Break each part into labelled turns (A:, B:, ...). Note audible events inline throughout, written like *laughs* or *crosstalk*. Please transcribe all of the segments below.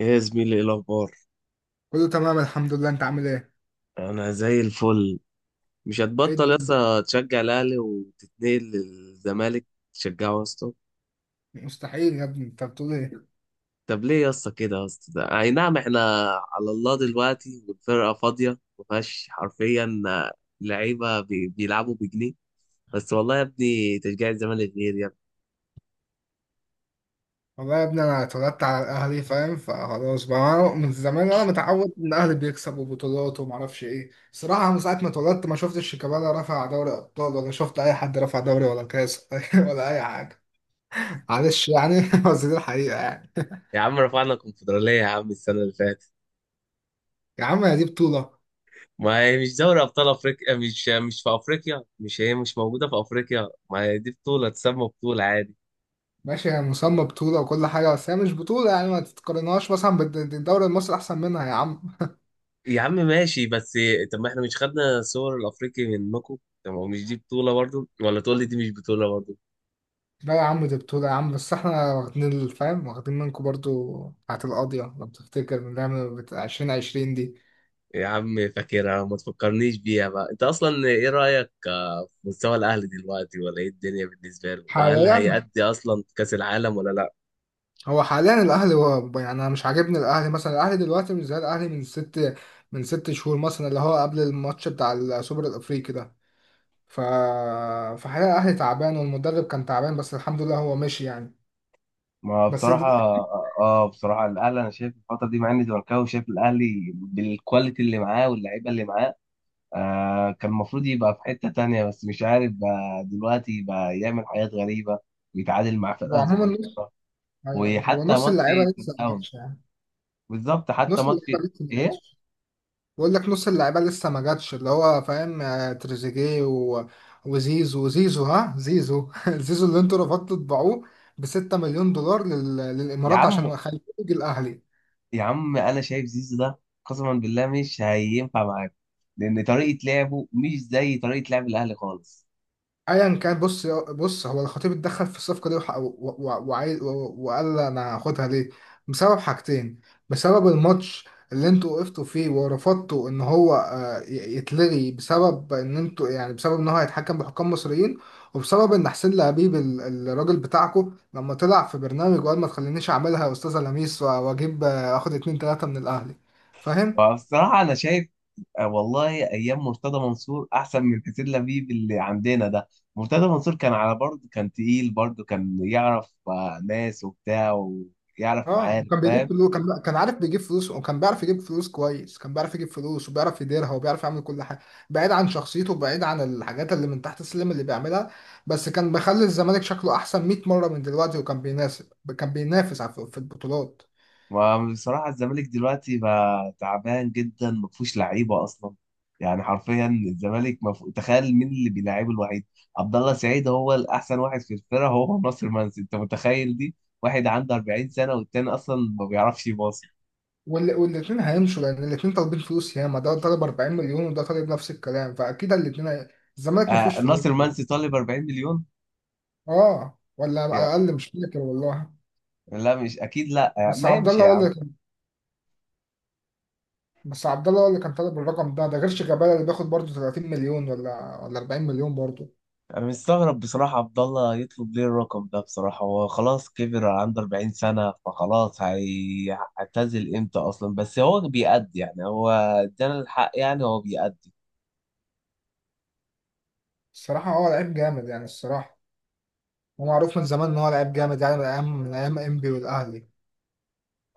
A: ايه يا زميلي، ايه الاخبار؟
B: كله تمام الحمد لله، انت عامل ايه؟
A: انا زي الفل. مش
B: ايه
A: هتبطل يا
B: الدنيا؟
A: اسطى تشجع الاهلي وتتنقل للزمالك؟ تشجعه يا اسطى.
B: مستحيل يا ابني، انت بتقول ايه؟
A: طب ليه يا اسطى كده يا اسطى اي نعم احنا على الله دلوقتي والفرقه فاضيه، ما فيهاش حرفيا لعيبه بيلعبوا بجنيه، بس والله يا ابني تشجيع الزمالك غير يا ابني.
B: والله يا ابني، انا اتولدت على الاهلي فاهم. فخلاص بقى، انا من زمان وانا متعود ان الاهلي بيكسب وبطولات ومعرفش ايه. الصراحه من ساعه ما اتولدت ما شفتش شيكابالا رفع دوري ابطال، ولا شفت اي حد رفع دوري ولا كاس *laughs* ولا اي حاجه. معلش يعني *laughs* بس دي الحقيقه يعني.
A: يا عم رفعنا الكونفدراليه يا عم السنه اللي فاتت.
B: يا عم، هي دي بطوله؟
A: ما هي مش دوري ابطال افريقيا، مش في افريقيا، مش هي مش موجوده في افريقيا، ما هي دي بطوله تسمى بطوله عادي.
B: ماشي، هي مسمى بطوله وكل حاجه، بس هي مش بطوله يعني، ما تتقارنهاش مثلا بالدوري المصري، احسن منها يا عم.
A: يا عم ماشي بس. طب ما احنا مش خدنا صور الافريقي منكم؟ طب هو مش دي بطولة برضو؟ ولا تقول لي دي مش بطولة برضو؟
B: لا يا عم، دي بطولة يا عم، بس احنا واخدين الفهم، واخدين منكم برضو بتاعت القاضية لو بتفتكر من لعبة 2020 دي.
A: يا عم فاكرها، ما تفكرنيش بيها بقى. انت اصلا ايه رأيك في مستوى الاهلي دلوقتي، ولا ايه الدنيا بالنسبة له، وهل
B: حاليا،
A: هيأدي اصلا كأس العالم ولا لا؟
B: هو حاليا الأهلي هو يعني، أنا مش عاجبني الأهلي، مثلا الأهلي دلوقتي مش زي الأهلي من ست شهور مثلا، اللي هو قبل الماتش بتاع السوبر الأفريقي ده. ف فحاليا الأهلي تعبان والمدرب كان تعبان، بس الحمد لله هو مشي يعني،
A: ما
B: بس
A: بصراحة
B: دلوقتي
A: اه، بصراحة الاهلي انا شايف الفترة دي، مع اني زملكاوي، شايف الاهلي بالكواليتي اللي معاه واللعيبة اللي معاه، آه كان المفروض يبقى في حتة تانية، بس مش عارف بقى دلوقتي بقى يعمل حاجات غريبة ويتعادل مع
B: هو
A: فرقة
B: عموما
A: صغيرة،
B: نص... أيوه، أيوه. هو
A: وحتى
B: نص
A: ماتش
B: اللعيبة
A: سان
B: لسه ما جاتش
A: داونز،
B: يعني.
A: بالظبط حتى
B: نص اللعيبة
A: ماتش،
B: لسه ما
A: ايه.
B: جاتش. بقول لك نص اللعيبه لسه ما جاتش اللي هو فاهم، آه، تريزيجيه و... وزيزو، زيزو، ها زيزو *laughs* زيزو اللي انتوا رفضتوا تبيعوه ب 6 مليون دولار لل...
A: يا
B: للامارات
A: عم،
B: عشان خليه يجي الاهلي.
A: يا عم انا شايف زيزو ده قسما بالله مش هينفع معاك، لان طريقة لعبه مش زي طريقة لعب الاهلي خالص.
B: ايا كان، بص بص، هو الخطيب اتدخل في الصفقه دي وعايز وقال انا هاخدها ليه؟ بسبب حاجتين. بسبب الماتش اللي انتوا وقفتوا فيه ورفضتوا ان هو، آه، يتلغي، بسبب ان انتوا يعني، بسبب ان هو هيتحكم بحكام مصريين. وبسبب ان حسين لبيب، الراجل بتاعكو، لما طلع في برنامج وقال ما تخلينيش اعملها يا استاذه لميس، واجيب، آه، اخد اتنين تلاته من الاهلي. فاهم.
A: فبصراحة انا شايف، آه والله ايام مرتضى منصور احسن من حسين لبيب اللي عندنا ده. مرتضى منصور كان على برضه، كان تقيل برضه، كان يعرف ناس وبتاع ويعرف
B: اه
A: معارف،
B: وكان بيجيب
A: فاهم.
B: فلوس، كان عارف بيجيب فلوس، وكان بيعرف يجيب فلوس كويس، كان بيعرف يجيب فلوس وبيعرف يديرها وبيعرف يعمل كل حاجه، بعيد عن شخصيته، بعيد عن الحاجات اللي من تحت السلم اللي بيعملها. بس كان مخلي الزمالك شكله احسن 100 مره من دلوقتي، وكان بيناسب، كان بينافس في البطولات.
A: وبصراحة الزمالك دلوقتي بقى تعبان جدا، ما فيهوش لعيبة اصلا. يعني حرفيا الزمالك تخيل مين اللي بيلعبه الوحيد. عبد الله سعيد هو الاحسن واحد في الفرقة، هو ناصر منسي، انت متخيل دي؟ واحد عنده 40 سنة والتاني اصلا ما بيعرفش يباصي.
B: والاتنين هيمشوا لان الاتنين طالبين فلوس، ياما ده طالب 40 مليون وده طالب نفس الكلام، فاكيد الاتنين هي... الزمالك ما فيهوش
A: آه
B: فلوس.
A: ناصر منسي طالب 40 مليون؟
B: اه، ولا اقل، مش فاكر والله.
A: لا مش اكيد، لا يعني،
B: بس
A: ما
B: عبد
A: يمشي
B: الله
A: يا
B: هو
A: عم.
B: اللي، بس عبد الله هو اللي كان طالب الرقم ده، ده غير شيكابالا اللي بياخد برضه 30 مليون، ولا 40 مليون برضه.
A: انا مستغرب بصراحه، عبد الله يطلب ليه الرقم ده بصراحه؟ هو خلاص كبر، عنده 40 سنه، فخلاص هيعتزل امتى اصلا؟ بس هو بيأدي، يعني هو ادانا الحق، يعني هو بيأدي.
B: الصراحة هو لعيب جامد يعني، الصراحة هو معروف من زمان إن هو لعيب جامد يعني، من أيام إنبي والأهلي.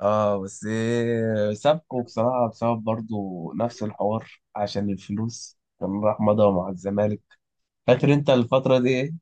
A: اه بس سابكو بصراحه بسبب برضو نفس الحوار عشان الفلوس، كان راح مضى مع الزمالك. فاكر انت الفتره دي، ايه.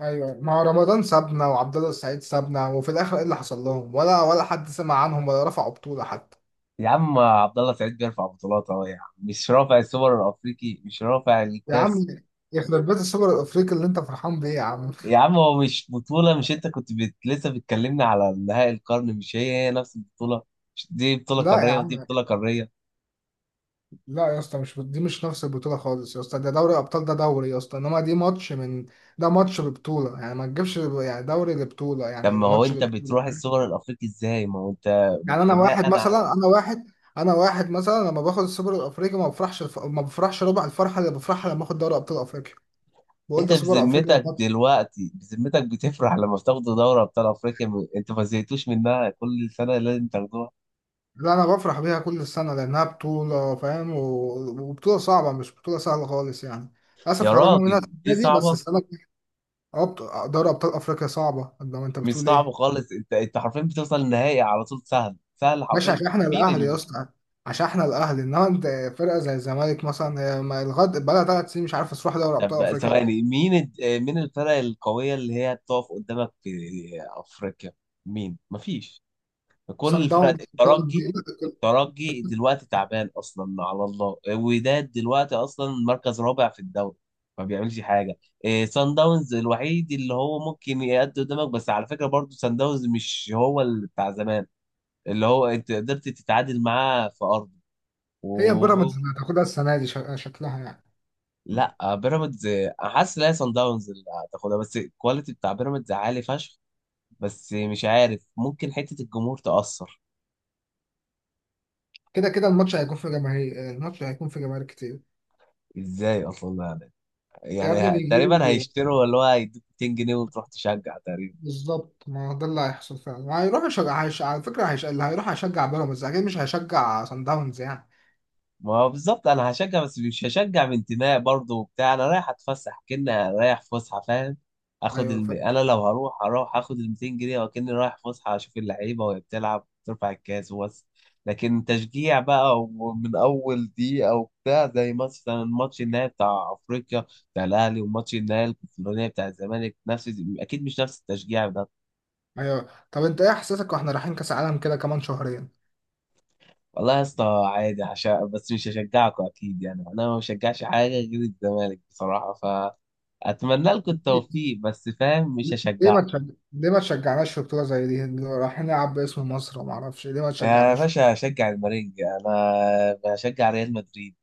B: أيوه، مع رمضان سابنا وعبد الله السعيد سابنا، وفي الآخر إيه اللي حصل لهم؟ ولا حد سمع عنهم، ولا رفعوا بطولة حتى.
A: يا عم عبد الله سعيد بيرفع بطولات اهو، يا عم مش رافع السوبر الافريقي، مش رافع
B: يا عم،
A: الكاس؟
B: يخرب بيت السوبر الأفريقي اللي أنت فرحان بيه يا عم.
A: يا عم هو مش بطولة، مش انت كنت لسه بتكلمني على نهائي القرن، مش هي هي نفس البطولة؟ مش دي بطولة
B: لا يا
A: قارية ودي
B: عم،
A: بطولة قارية؟
B: لا يا اسطى، مش دي مش نفس البطولة خالص يا اسطى، ده دوري أبطال، ده دوري يا اسطى، إنما دي ماتش من... ده ماتش ببطولة يعني، ما تجيبش يعني دوري لبطولة
A: طب
B: يعني،
A: ما هو
B: الماتش
A: انت
B: لبطولة.
A: بتروح السوبر الافريقي ازاي؟ ما هو انت
B: يعني أنا واحد
A: بناء على،
B: مثلا، أنا واحد، أنا واحد مثلا لما باخد السوبر الأفريقي ما بفرحش ما بفرحش ربع الفرحة اللي بفرحها لما باخد دوري أبطال أفريقيا. بقول
A: انت
B: ده سوبر أفريقيا، ده
A: بذمتك
B: ماتش.
A: دلوقتي بذمتك بتفرح لما بتاخدوا دوري ابطال افريقيا؟ انت ما زهقتوش منها كل سنة لازم تاخدوها؟
B: لا، أنا بفرح بيها كل سنة لأنها بطولة فاهم، و... وبطولة صعبة، مش بطولة سهلة خالص يعني. للأسف
A: يا
B: خرجنا منها
A: راجل
B: السنة
A: دي
B: دي، بس
A: صعبة؟
B: السنة الجاية. أه، دوري أبطال أفريقيا صعبة، ده ما أنت
A: مش
B: بتقول
A: صعبة
B: إيه.
A: خالص، انت انت حرفيا بتوصل النهائي على طول، سهل سهل
B: ماشي،
A: حرفيا.
B: عشان احنا
A: مين؟
B: الاهلي يا اسطى، عشان احنا الاهلي، انما انت، فرقه زي الزمالك مثلا هي ما لغايه بقى لها 3 سنين مش عارفه تروح دوري
A: طب
B: ابطال
A: بقى
B: افريقيا.
A: ثواني، مين الد- آه، مين الفرق القوية اللي هي بتقف قدامك في أفريقيا؟ مين؟ مفيش.
B: صن
A: كل الفرق
B: داونز بتقعد
A: الترجي،
B: دي-
A: الترجي دلوقتي تعبان أصلا، على الله وداد دلوقتي أصلا مركز رابع في الدوري، ما بيعملش حاجة. إيه سان داونز الوحيد اللي هو ممكن يأدي قدامك، بس على فكرة برضو سان داونز مش هو اللي بتاع زمان اللي هو أنت قدرت تتعادل معاه في أرضه.
B: هي بيراميدز اللي هتاخدها السنه دي، شكلها يعني.
A: لا بيراميدز، حاسس ان هي صن داونز اللي هتاخدها، بس الكواليتي بتاع بيراميدز عالي فشخ. بس مش عارف، ممكن حته الجمهور تأثر.
B: كده كده الماتش هيكون في جماهير كتير.
A: ازاي اصلا يعني؟
B: يا
A: يعني
B: ابني
A: تقريبا
B: بيجيبوا.
A: هيشتروا اللي هو هيدوك 200 جنيه وتروح تشجع.
B: بالظبط، ما هو ده اللي هيحصل فعلا، هيروح يشجع، على فكره، اللي هيروح هيشجع بيراميدز اكيد، مش هيشجع صن داونز يعني.
A: ما هو بالظبط انا هشجع، بس مش هشجع من انتماء برضه وبتاع، انا رايح اتفسح كأني رايح فسحه، فاهم.
B: ايوه، فاهم.
A: انا لو هروح، هروح اخد ال 200 جنيه وكأني رايح فسحه اشوف اللعيبه وهي بتلعب ترفع الكاس وبس. لكن تشجيع بقى ومن اول دقيقه وبتاع زي مثلا ماتش النهائي بتاع افريقيا بتاع الاهلي وماتش النهائي الكونفدراليه بتاع الزمالك نفس، اكيد مش نفس التشجيع ده.
B: ايوه، طب انت ايه احساسك واحنا رايحين كاس عالم كده كمان شهرين؟
A: والله يا اسطى عادي، عشان بس مش هشجعكم اكيد، يعني انا ما بشجعش حاجه غير الزمالك بصراحه. فاتمنى لكم التوفيق، بس فاهم مش
B: ليه ما تشجع...
A: هشجعكم.
B: ليه ما تشجعناش في بطولة زي دي؟ رايحين نلعب باسم مصر، وما اعرفش ليه ما
A: يا
B: تشجعناش؟
A: باشا هشجع المارينجا، انا بشجع ريال مدريد.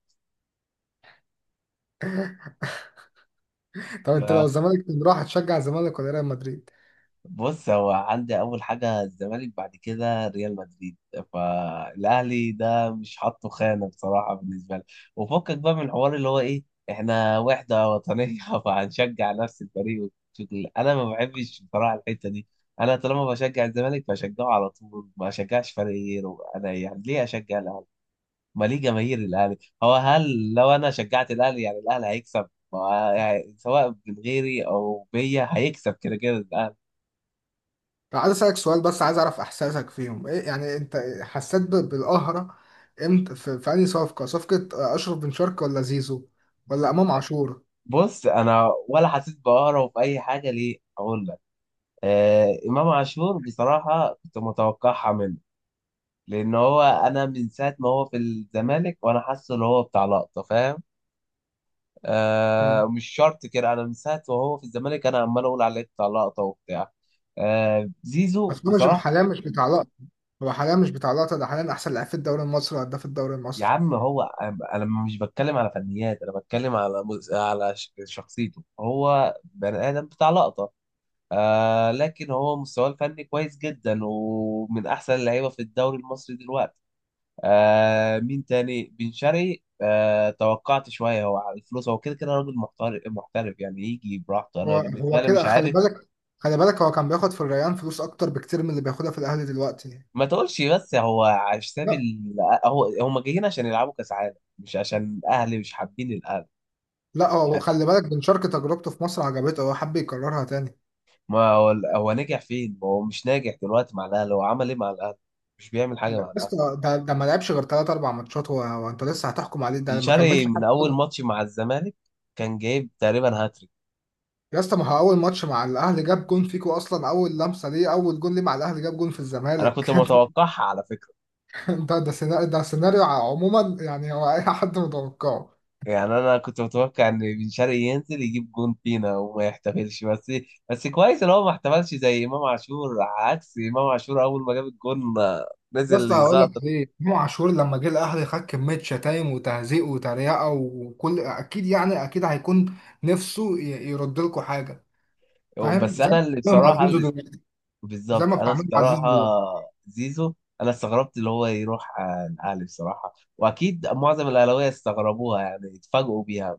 B: طب انت لو الزمالك كان راح تشجع الزمالك ولا ريال مدريد؟
A: بص هو عندي اول حاجه الزمالك، بعد كده ريال مدريد، فالاهلي ده مش حاطه خانه بصراحه بالنسبه لي. وفكك بقى من الحوار اللي هو ايه، احنا وحده وطنيه *laughs* فهنشجع نفس الفريق والشغل. انا ما بحبش بصراحه الحته دي. انا طالما بشجع الزمالك بشجعه على طول، ما اشجعش فريق غيره. انا يعني ليه اشجع الاهلي؟ ما ليه جماهير الاهلي، هو هل لو انا شجعت الاهلي يعني الاهلي هيكسب؟ يعني سواء من غيري او بيا هيكسب كده كده الاهلي.
B: طب عايز اسالك سؤال، بس عايز اعرف احساسك فيهم، ايه يعني، انت حسيت بالقهرة امتى، في انهي صفقة؟ صفقة اشرف بن شرقي ولا زيزو؟ ولا امام عاشور؟
A: بص انا ولا حسيت بقهرة في اي حاجه، ليه اقول لك، آه امام عاشور بصراحه كنت متوقعها منه، لان هو انا من ساعه ما هو في الزمالك وانا حاسه ان هو بتاع لقطه، فاهم،
B: مم.
A: آه مش شرط كده، انا من ساعه ما هو في الزمالك انا عمال اقول عليه بتاع لقطه وبتاع. آه زيزو
B: بس هو مش
A: بصراحه،
B: حاليا، مش بتاع لقطة. هو حاليا مش بتاع لقطة، ده حاليا احسن لاعب في الدوري المصري وهداف الدوري
A: يا
B: المصري.
A: عم هو، انا مش بتكلم على فنيات، انا بتكلم على شخصيته، هو بني ادم بتاع لقطه، آه لكن هو مستواه الفني كويس جدا ومن احسن اللعيبه في الدوري المصري دلوقتي. آه مين تاني، بن شرقي، آه توقعت شويه، هو على الفلوس، هو كده كده راجل محترف محترف، يعني يجي براحته
B: هو
A: انا بالنسبه
B: هو
A: لي مش
B: كده خلي
A: عارف.
B: بالك، خلي بالك هو كان بياخد في الريان فلوس اكتر بكتير من اللي بياخدها في الاهلي دلوقتي.
A: ما تقولش بس هو على حساب
B: لا
A: هو هم جايين عشان يلعبوا كاس عالم مش عشان الاهلي، مش حابين الاهلي
B: لا، هو
A: يعني.
B: خلي بالك، بن شرقي تجربته في مصر عجبته، هو حب يكررها تاني.
A: ما هو، هو نجح فين؟ ما هو مش ناجح دلوقتي مع الاهلي، هو عمل ايه مع الاهلي؟ مش بيعمل حاجه
B: لا،
A: مع الاهلي.
B: بس ده ما لعبش غير ثلاث اربع ماتشات، هو انت لسه هتحكم عليه،
A: بن
B: ده ما كملش
A: شرقي من اول
B: حتى.
A: ماتش مع الزمالك كان جايب تقريبا هاتريك.
B: يا اسطى، ما هو اول ماتش مع الاهلي جاب جون فيكو اصلا، اول لمسه ليه اول جون ليه مع الاهلي جاب جون في
A: انا
B: الزمالك
A: كنت
B: *laughs*
A: متوقعها على فكره،
B: ده سيناريو عموما يعني، هو اي حد متوقعه.
A: يعني انا كنت متوقع ان بن شرقي ينزل يجيب جون فينا وما يحتفلش بس. بس كويس ان هو ما احتفلش زي امام عاشور، عكس امام عاشور اول ما جاب الجون
B: يا
A: نزل
B: اسطى، هقول لك
A: يزعطر.
B: ليه. امام عاشور لما جه الاهلي خد كميه شتايم وتهزيق وتريقه، وكل اكيد يعني، اكيد هيكون نفسه يرد لكم حاجه، فاهم،
A: بس
B: زي
A: انا
B: ما
A: اللي
B: بتعملوا مع
A: بصراحه
B: زيزو
A: اللي،
B: دلوقتي، زي
A: بالظبط
B: ما
A: انا
B: بتعملوا مع زيزو
A: بصراحه،
B: دلوقتي.
A: زيزو، انا استغربت اللي هو يروح الاهلي بصراحه، واكيد معظم الاهلاويه استغربوها يعني اتفاجئوا بيها.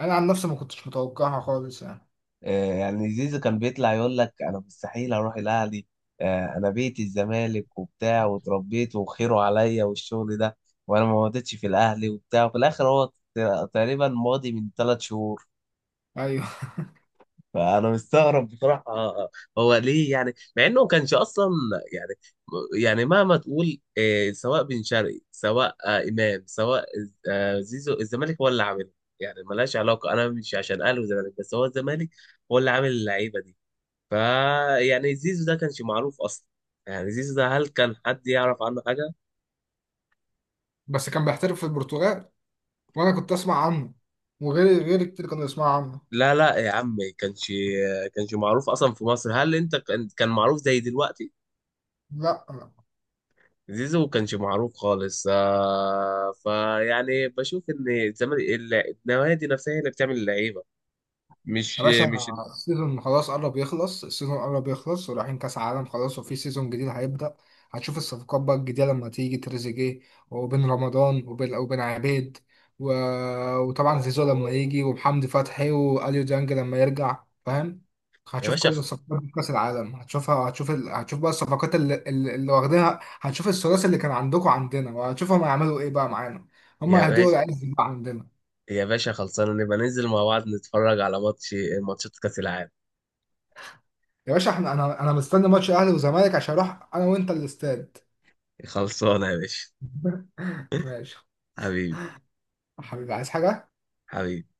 B: انا عن نفسي ما كنتش متوقعها خالص يعني.
A: يعني زيزو كان بيطلع يقول لك انا مستحيل اروح الاهلي، انا بيتي الزمالك وبتاع واتربيت وخيره عليا والشغل ده، وانا ما مضيتش في الاهلي وبتاع، وفي الاخر هو تقريبا ماضي من ثلاث شهور.
B: ايوه
A: فانا مستغرب بصراحه، هو ليه يعني؟ مع انه ما كانش اصلا يعني، يعني مهما تقول سواء بن شرقي سواء امام سواء زيزو، الزمالك هو اللي عاملها، يعني ملهاش علاقه، انا مش عشان اهلي وزمالك، بس هو الزمالك هو اللي عامل اللعيبه دي. فا يعني زيزو ده كانش معروف اصلا، يعني زيزو ده هل كان حد يعرف عنه حاجه؟
B: *laughs* بس كان بيحترف في البرتغال، وانا كنت اسمع عنه، وغير غير كتير كانوا يسمعوا عنه.
A: لا لا يا عم كانش معروف اصلا في مصر، هل انت كان معروف زي دلوقتي؟
B: لا.
A: زيزو كانش معروف خالص، آه فيعني بشوف ان الزمالك، النوادي نفسها هي اللي بتعمل اللعيبه،
B: يا
A: مش
B: باشا،
A: مش
B: السيزون خلاص قرب يخلص، السيزون قرب يخلص، ورايحين كاس عالم خلاص، وفي سيزون جديد هيبدأ. هتشوف الصفقات بقى الجديدة لما تيجي تريزيجيه، وبن رمضان، وبن عبيد، و... وطبعا زيزو لما يجي، ومحمدي فتحي واليو ديانج لما يرجع، فاهم.
A: يا
B: هتشوف
A: باشا
B: كل
A: خ-
B: الصفقات في كاس العالم هتشوفها، هتشوف بقى الصفقات اللي واخدينها، هتشوف الثلاثي اللي كان عندكم عندنا، وهتشوفهم هيعملوا ايه بقى معانا. هم
A: يا
B: هيدوقوا
A: باشا،
B: العز بقى عندنا.
A: يا باشا خلصانه نبقى ننزل مع بعض نتفرج على ماتش، ماتشات كاس العالم.
B: يا باشا، احنا انا مستني ماتش اهلي وزمالك عشان اروح انا وانت الاستاد
A: خلصانه يا باشا.
B: *laughs* ماشي.
A: حبيبي.
B: يا حبيبي، عايز حاجه؟
A: حبيبي.